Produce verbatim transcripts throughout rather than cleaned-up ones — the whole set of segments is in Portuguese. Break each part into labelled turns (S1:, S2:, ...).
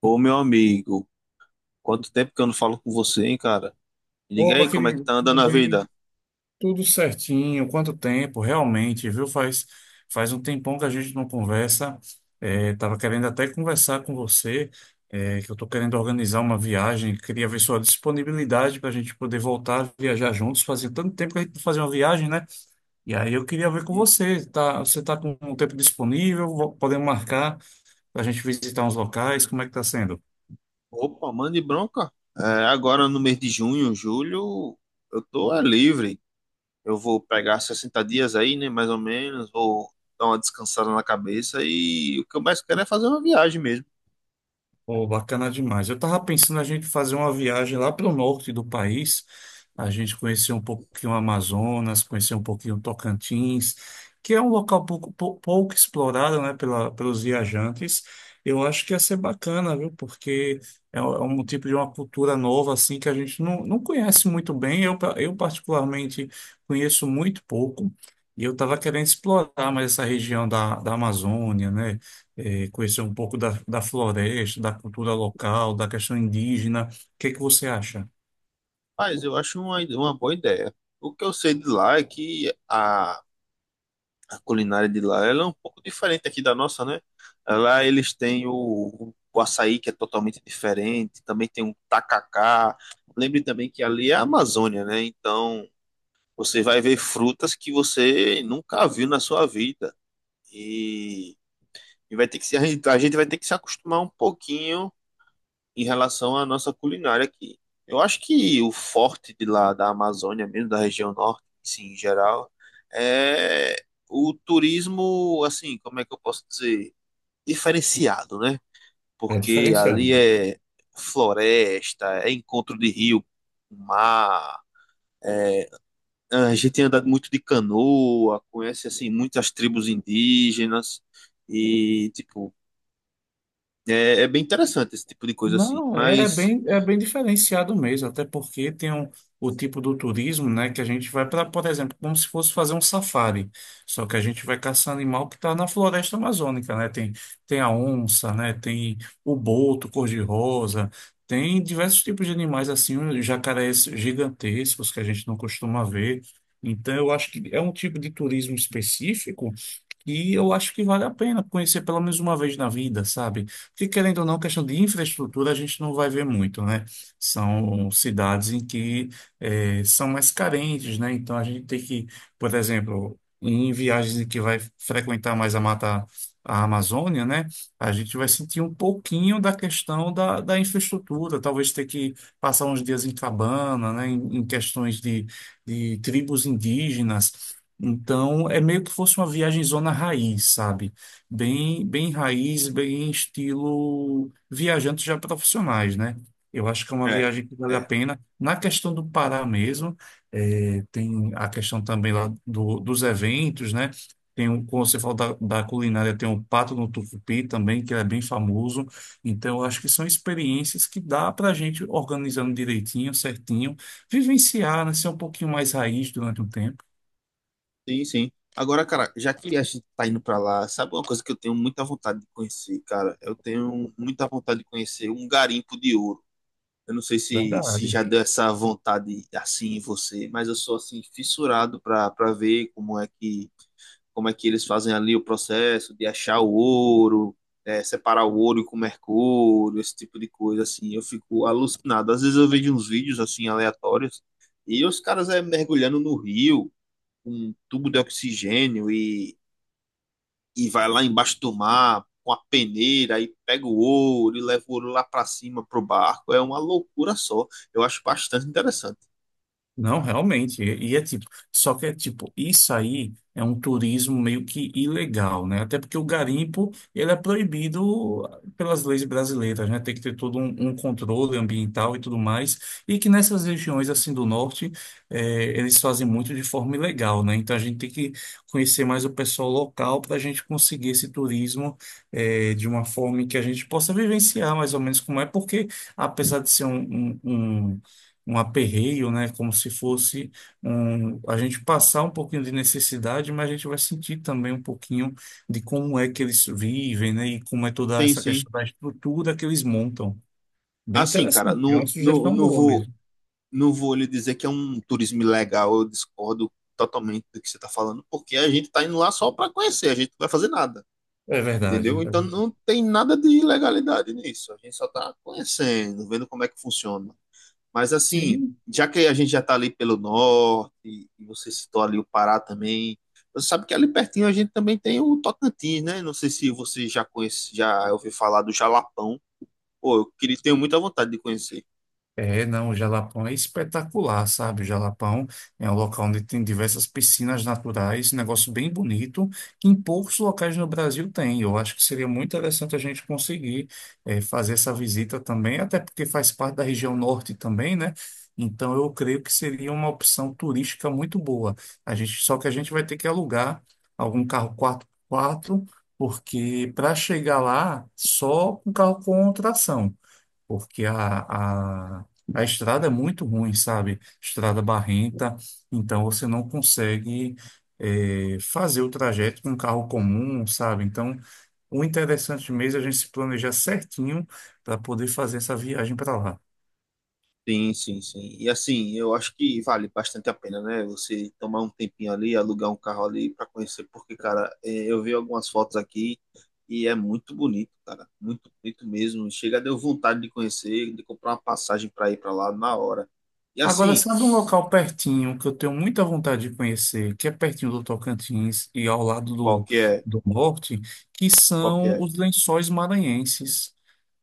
S1: Ô, meu amigo, quanto tempo que eu não falo com você, hein, cara? Me diga aí,
S2: Opa,
S1: como é que
S2: querido,
S1: tá
S2: tudo
S1: andando a
S2: bem?
S1: vida?
S2: Tudo certinho. Quanto tempo, realmente, viu? Faz, faz um tempão que a gente não conversa. É, tava querendo até conversar com você, é, que eu tô querendo organizar uma viagem. Queria ver sua disponibilidade para a gente poder voltar a viajar juntos. Fazia tanto tempo que a gente não fazia uma viagem, né? E aí eu queria ver com
S1: Ih,
S2: você. Tá, você tá com um tempo disponível? Vo- Podemos marcar para a gente visitar uns locais? Como é que tá sendo?
S1: opa, mande bronca. É, agora no mês de junho, julho, eu tô é, livre. Eu vou pegar sessenta dias aí, né? Mais ou menos. Vou dar uma descansada na cabeça. E o que eu mais quero é fazer uma viagem mesmo.
S2: Pô, bacana demais. Eu tava pensando a gente fazer uma viagem lá pelo norte do país, a gente conhecer um pouquinho o Amazonas, conhecer um pouquinho o Tocantins, que é um local pouco, pou- pouco explorado, né, pela, pelos viajantes. Eu acho que ia ser bacana, viu? Porque é um é um tipo de uma cultura nova, assim, que a gente não, não conhece muito bem. Eu, pa- eu particularmente, conheço muito pouco. E eu estava querendo explorar mais essa região da, da Amazônia, né? Eh, conhecer um pouco da, da floresta, da cultura local, da questão indígena. O que é que você acha?
S1: Mas eu acho uma, uma boa ideia. O que eu sei de lá é que a, a culinária de lá ela é um pouco diferente aqui da nossa, né? Lá eles têm o, o açaí, que é totalmente diferente. Também tem um tacacá. Lembre também que ali é a Amazônia, né? Então você vai ver frutas que você nunca viu na sua vida. E E vai ter que se, a gente a gente vai ter que se acostumar um pouquinho em relação à nossa culinária aqui. Eu acho que o forte de lá da Amazônia, mesmo da região norte, assim, em geral, é o turismo, assim, como é que eu posso dizer? Diferenciado, né?
S2: É
S1: Porque ali
S2: diferenciado.
S1: é floresta, é encontro de rio, mar. A gente tem andado muito de canoa, conhece, assim, muitas tribos indígenas. E, tipo, é, é bem interessante esse tipo de coisa assim.
S2: Não, é
S1: Mas,
S2: bem, é bem diferenciado mesmo, até porque tem um, o tipo do turismo, né, que a gente vai para, por exemplo, como se fosse fazer um safari, só que a gente vai caçar animal que está na floresta amazônica, né, tem, tem a onça, né, tem o boto cor-de-rosa, tem diversos tipos de animais assim, um jacarés gigantescos que a gente não costuma ver, então eu acho que é um tipo de turismo específico e eu acho que vale a pena conhecer pelo menos uma vez na vida, sabe? Porque, querendo ou não, questão de infraestrutura a gente não vai ver muito, né? São cidades em que eh, são mais carentes, né? Então a gente tem que, por exemplo, em viagens em que vai frequentar mais a mata, a Amazônia, né? A gente vai sentir um pouquinho da questão da, da infraestrutura, talvez ter que passar uns dias em cabana, né? Em, em questões de, de tribos indígenas. Então, é meio que fosse uma viagem zona raiz, sabe? Bem, bem raiz, bem estilo viajantes já profissionais, né? Eu acho que é uma
S1: é,
S2: viagem que vale a
S1: é.
S2: pena. Na questão do Pará mesmo, eh, tem a questão também lá do- dos eventos, né? Tem um, como você falou da, da culinária, tem o Pato no Tucupi também, que é bem famoso. Então, eu acho que são experiências que dá para a gente, organizando direitinho, certinho, vivenciar, né? Ser um pouquinho mais raiz durante um tempo.
S1: Sim, sim. Agora, cara, já que a gente tá indo pra lá, sabe uma coisa que eu tenho muita vontade de conhecer, cara? Eu tenho muita vontade de conhecer um garimpo de ouro. Eu não sei se, se
S2: Verdade.
S1: já deu essa vontade assim em você, mas eu sou assim fissurado pra, pra ver como é que como é que eles fazem ali o processo de achar o ouro, é, separar o ouro com o mercúrio, esse tipo de coisa, assim, eu fico alucinado. Às vezes eu vejo uns vídeos, assim, aleatórios, e os caras é, mergulhando no rio, com um tubo de oxigênio, e, e vai lá embaixo do mar, com a peneira, e pega o ouro, e leva o ouro lá para cima, pro barco, é uma loucura só. Eu acho bastante interessante.
S2: Não, realmente. E e é tipo, só que é tipo, isso aí é um turismo meio que ilegal, né? Até porque o garimpo, ele é proibido pelas leis brasileiras, né? Tem que ter todo um, um controle ambiental e tudo mais. E que nessas regiões, assim, do norte, eh, eles fazem muito de forma ilegal, né? Então a gente tem que conhecer mais o pessoal local para a gente conseguir esse turismo, eh, de uma forma em que a gente possa vivenciar mais ou menos como é, porque apesar de ser um, um, um um aperreio, né? Como se fosse um, a gente passar um pouquinho de necessidade, mas a gente vai sentir também um pouquinho de como é que eles vivem, né? E como é toda
S1: Tem
S2: essa
S1: sim.
S2: questão da estrutura que eles montam. Bem
S1: Assim, cara,
S2: interessante, é uma
S1: não, não,
S2: sugestão
S1: não
S2: boa
S1: vou
S2: mesmo.
S1: não vou lhe dizer que é um turismo ilegal, eu discordo totalmente do que você está falando, porque a gente está indo lá só para conhecer, a gente não vai fazer nada,
S2: É verdade. É
S1: entendeu? Então
S2: verdade.
S1: não tem nada de ilegalidade nisso, a gente só está conhecendo, vendo como é que funciona. Mas assim,
S2: Sim.
S1: já que a gente já está ali pelo norte, e você citou ali o Pará também, você sabe que ali pertinho a gente também tem o Tocantins, né? Não sei se você já conhece, já ouviu falar do Jalapão. Pô, eu queria, tenho muita vontade de conhecer.
S2: É, não, o Jalapão é espetacular, sabe? O Jalapão é um local onde tem diversas piscinas naturais, um negócio bem bonito, que em poucos locais no Brasil tem. Eu acho que seria muito interessante a gente conseguir eh, fazer essa visita também, até porque faz parte da região norte também, né? Então eu creio que seria uma opção turística muito boa. A gente, só que a gente vai ter que alugar algum carro quatro por quatro, porque para chegar lá, só um carro com tração porque a, a, a estrada é muito ruim, sabe? Estrada barrenta, então você não consegue eh, fazer o trajeto com um carro comum, sabe? Então, o interessante mesmo é a gente se planejar certinho para poder fazer essa viagem para lá.
S1: Sim, sim, sim. E assim, eu acho que vale bastante a pena, né? Você tomar um tempinho ali, alugar um carro ali para conhecer, porque, cara, é, eu vi algumas fotos aqui e é muito bonito, cara. Muito bonito mesmo. Chega, deu vontade de conhecer, de comprar uma passagem para ir para lá na hora. E
S2: Agora,
S1: assim,
S2: sabe um local pertinho que eu tenho muita vontade de conhecer, que é pertinho do Tocantins e ao lado
S1: qual
S2: do,
S1: que é?
S2: do norte, que
S1: Qual que
S2: são
S1: é?
S2: os Lençóis Maranhenses.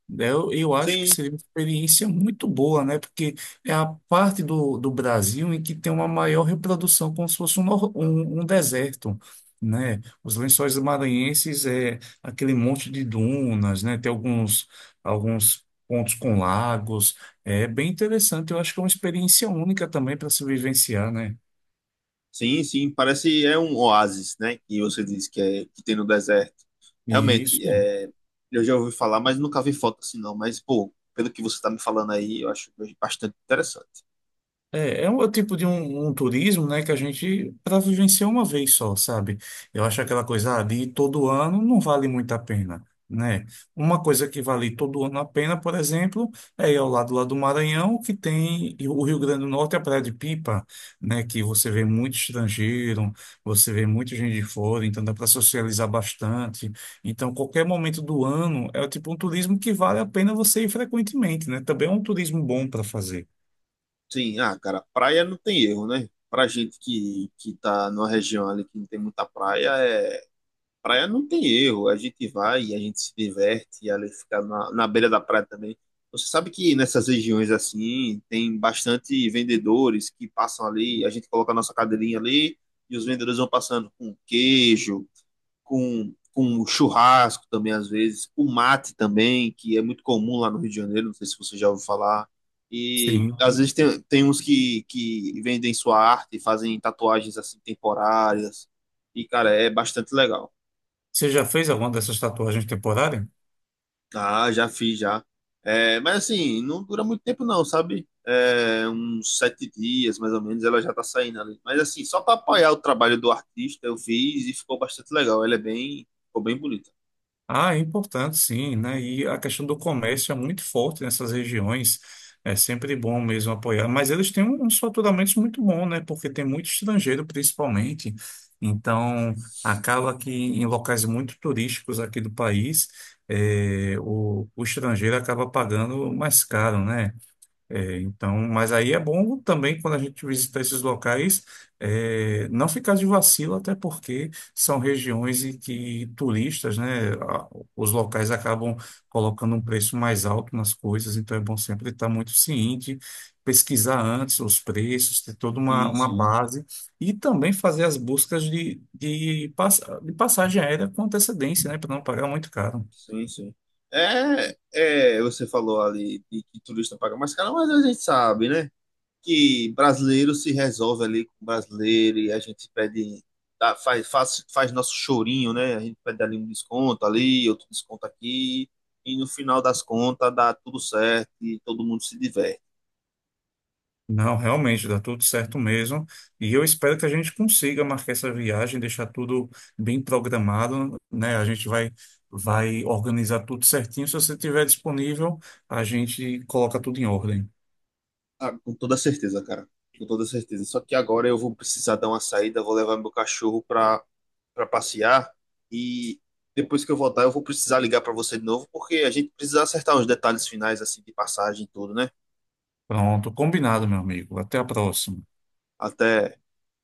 S2: Né? Eu, eu acho que
S1: Sim.
S2: seria uma experiência muito boa, né? Porque é a parte do, do Brasil em que tem uma maior reprodução, como se fosse um, nor- um, um deserto, né? Os Lençóis Maranhenses é aquele monte de dunas, né? Tem alguns, alguns pontos com lagos. É bem interessante. Eu acho que é uma experiência única também para se vivenciar, né?
S1: Sim, sim, parece é um oásis, né? Que você disse que, é, que tem no deserto. Realmente,
S2: Isso.
S1: é, eu já ouvi falar, mas nunca vi foto assim não. Mas, pô, pelo que você tá me falando aí, eu acho bastante interessante.
S2: É, é um é o tipo de um, um turismo, né, que a gente para vivenciar uma vez só, sabe? Eu acho aquela coisa ah, de ir todo ano não vale muito a pena, né? Uma coisa que vale todo ano a pena, por exemplo, é ir ao lado lá do Maranhão, que tem e o Rio Grande do Norte, a Praia de Pipa, né, que você vê muito estrangeiro, você vê muita gente de fora, então dá para socializar bastante. Então, qualquer momento do ano é tipo um turismo que vale a pena você ir frequentemente, né? Também é um turismo bom para fazer.
S1: Sim, ah, cara, praia não tem erro, né? Pra gente que, que tá numa região ali que não tem muita praia, é, praia não tem erro, a gente vai e a gente se diverte, e ali fica na, na beira da praia também. Você sabe que nessas regiões assim, tem bastante vendedores que passam ali, a gente coloca a nossa cadeirinha ali e os vendedores vão passando com queijo, com, com churrasco também às vezes, com mate também, que é muito comum lá no Rio de Janeiro, não sei se você já ouviu falar. E
S2: Sim.
S1: às vezes tem, tem uns que, que vendem sua arte, fazem tatuagens assim temporárias, e cara, é bastante legal.
S2: Você já fez alguma dessas tatuagens temporárias?
S1: Ah, já fiz já. É, mas assim, não dura muito tempo não, sabe? É, uns sete dias, mais ou menos, ela já tá saindo ali. Mas assim, só para apoiar o trabalho do artista, eu fiz e ficou bastante legal. Ela é bem, ficou bem bonita.
S2: Ah, é importante sim, né? E a questão do comércio é muito forte nessas regiões. É sempre bom mesmo apoiar, mas eles têm um, uns faturamentos muito bons, né? Porque tem muito estrangeiro, principalmente. Então, acaba que em locais muito turísticos aqui do país, eh, o, o estrangeiro acaba pagando mais caro, né? É, então, mas aí é bom também quando a gente visitar esses locais, é, não ficar de vacilo, até porque são regiões em que turistas, né, a- os locais acabam colocando um preço mais alto nas coisas, então é bom sempre estar muito ciente, pesquisar antes os preços, ter toda uma,
S1: Sim,
S2: uma
S1: sim,
S2: base e também fazer as buscas de, de, pass- de passagem aérea com antecedência, né, para não pagar muito caro.
S1: sim, sim. É, é, você falou ali de que turista paga mais caro, mas a gente sabe, né? Que brasileiro se resolve ali com brasileiro e a gente pede, dá- faz, faz, faz nosso chorinho, né? A gente pede ali um desconto ali, outro desconto aqui, e no final das contas dá tudo certo e todo mundo se diverte.
S2: Não, realmente, dá tudo certo mesmo. E eu espero que a gente consiga marcar essa viagem, deixar tudo bem programado, né? A gente vai, vai organizar tudo certinho. Se você estiver disponível, a gente coloca tudo em ordem.
S1: Ah, com toda certeza, cara. Com toda certeza. Só que agora eu vou precisar dar uma saída, vou levar meu cachorro pra, pra passear e depois que eu voltar eu vou precisar ligar pra você de novo, porque a gente precisa acertar os detalhes finais assim de passagem e tudo, né?
S2: Pronto, combinado, meu amigo. Até a próxima.
S1: Até.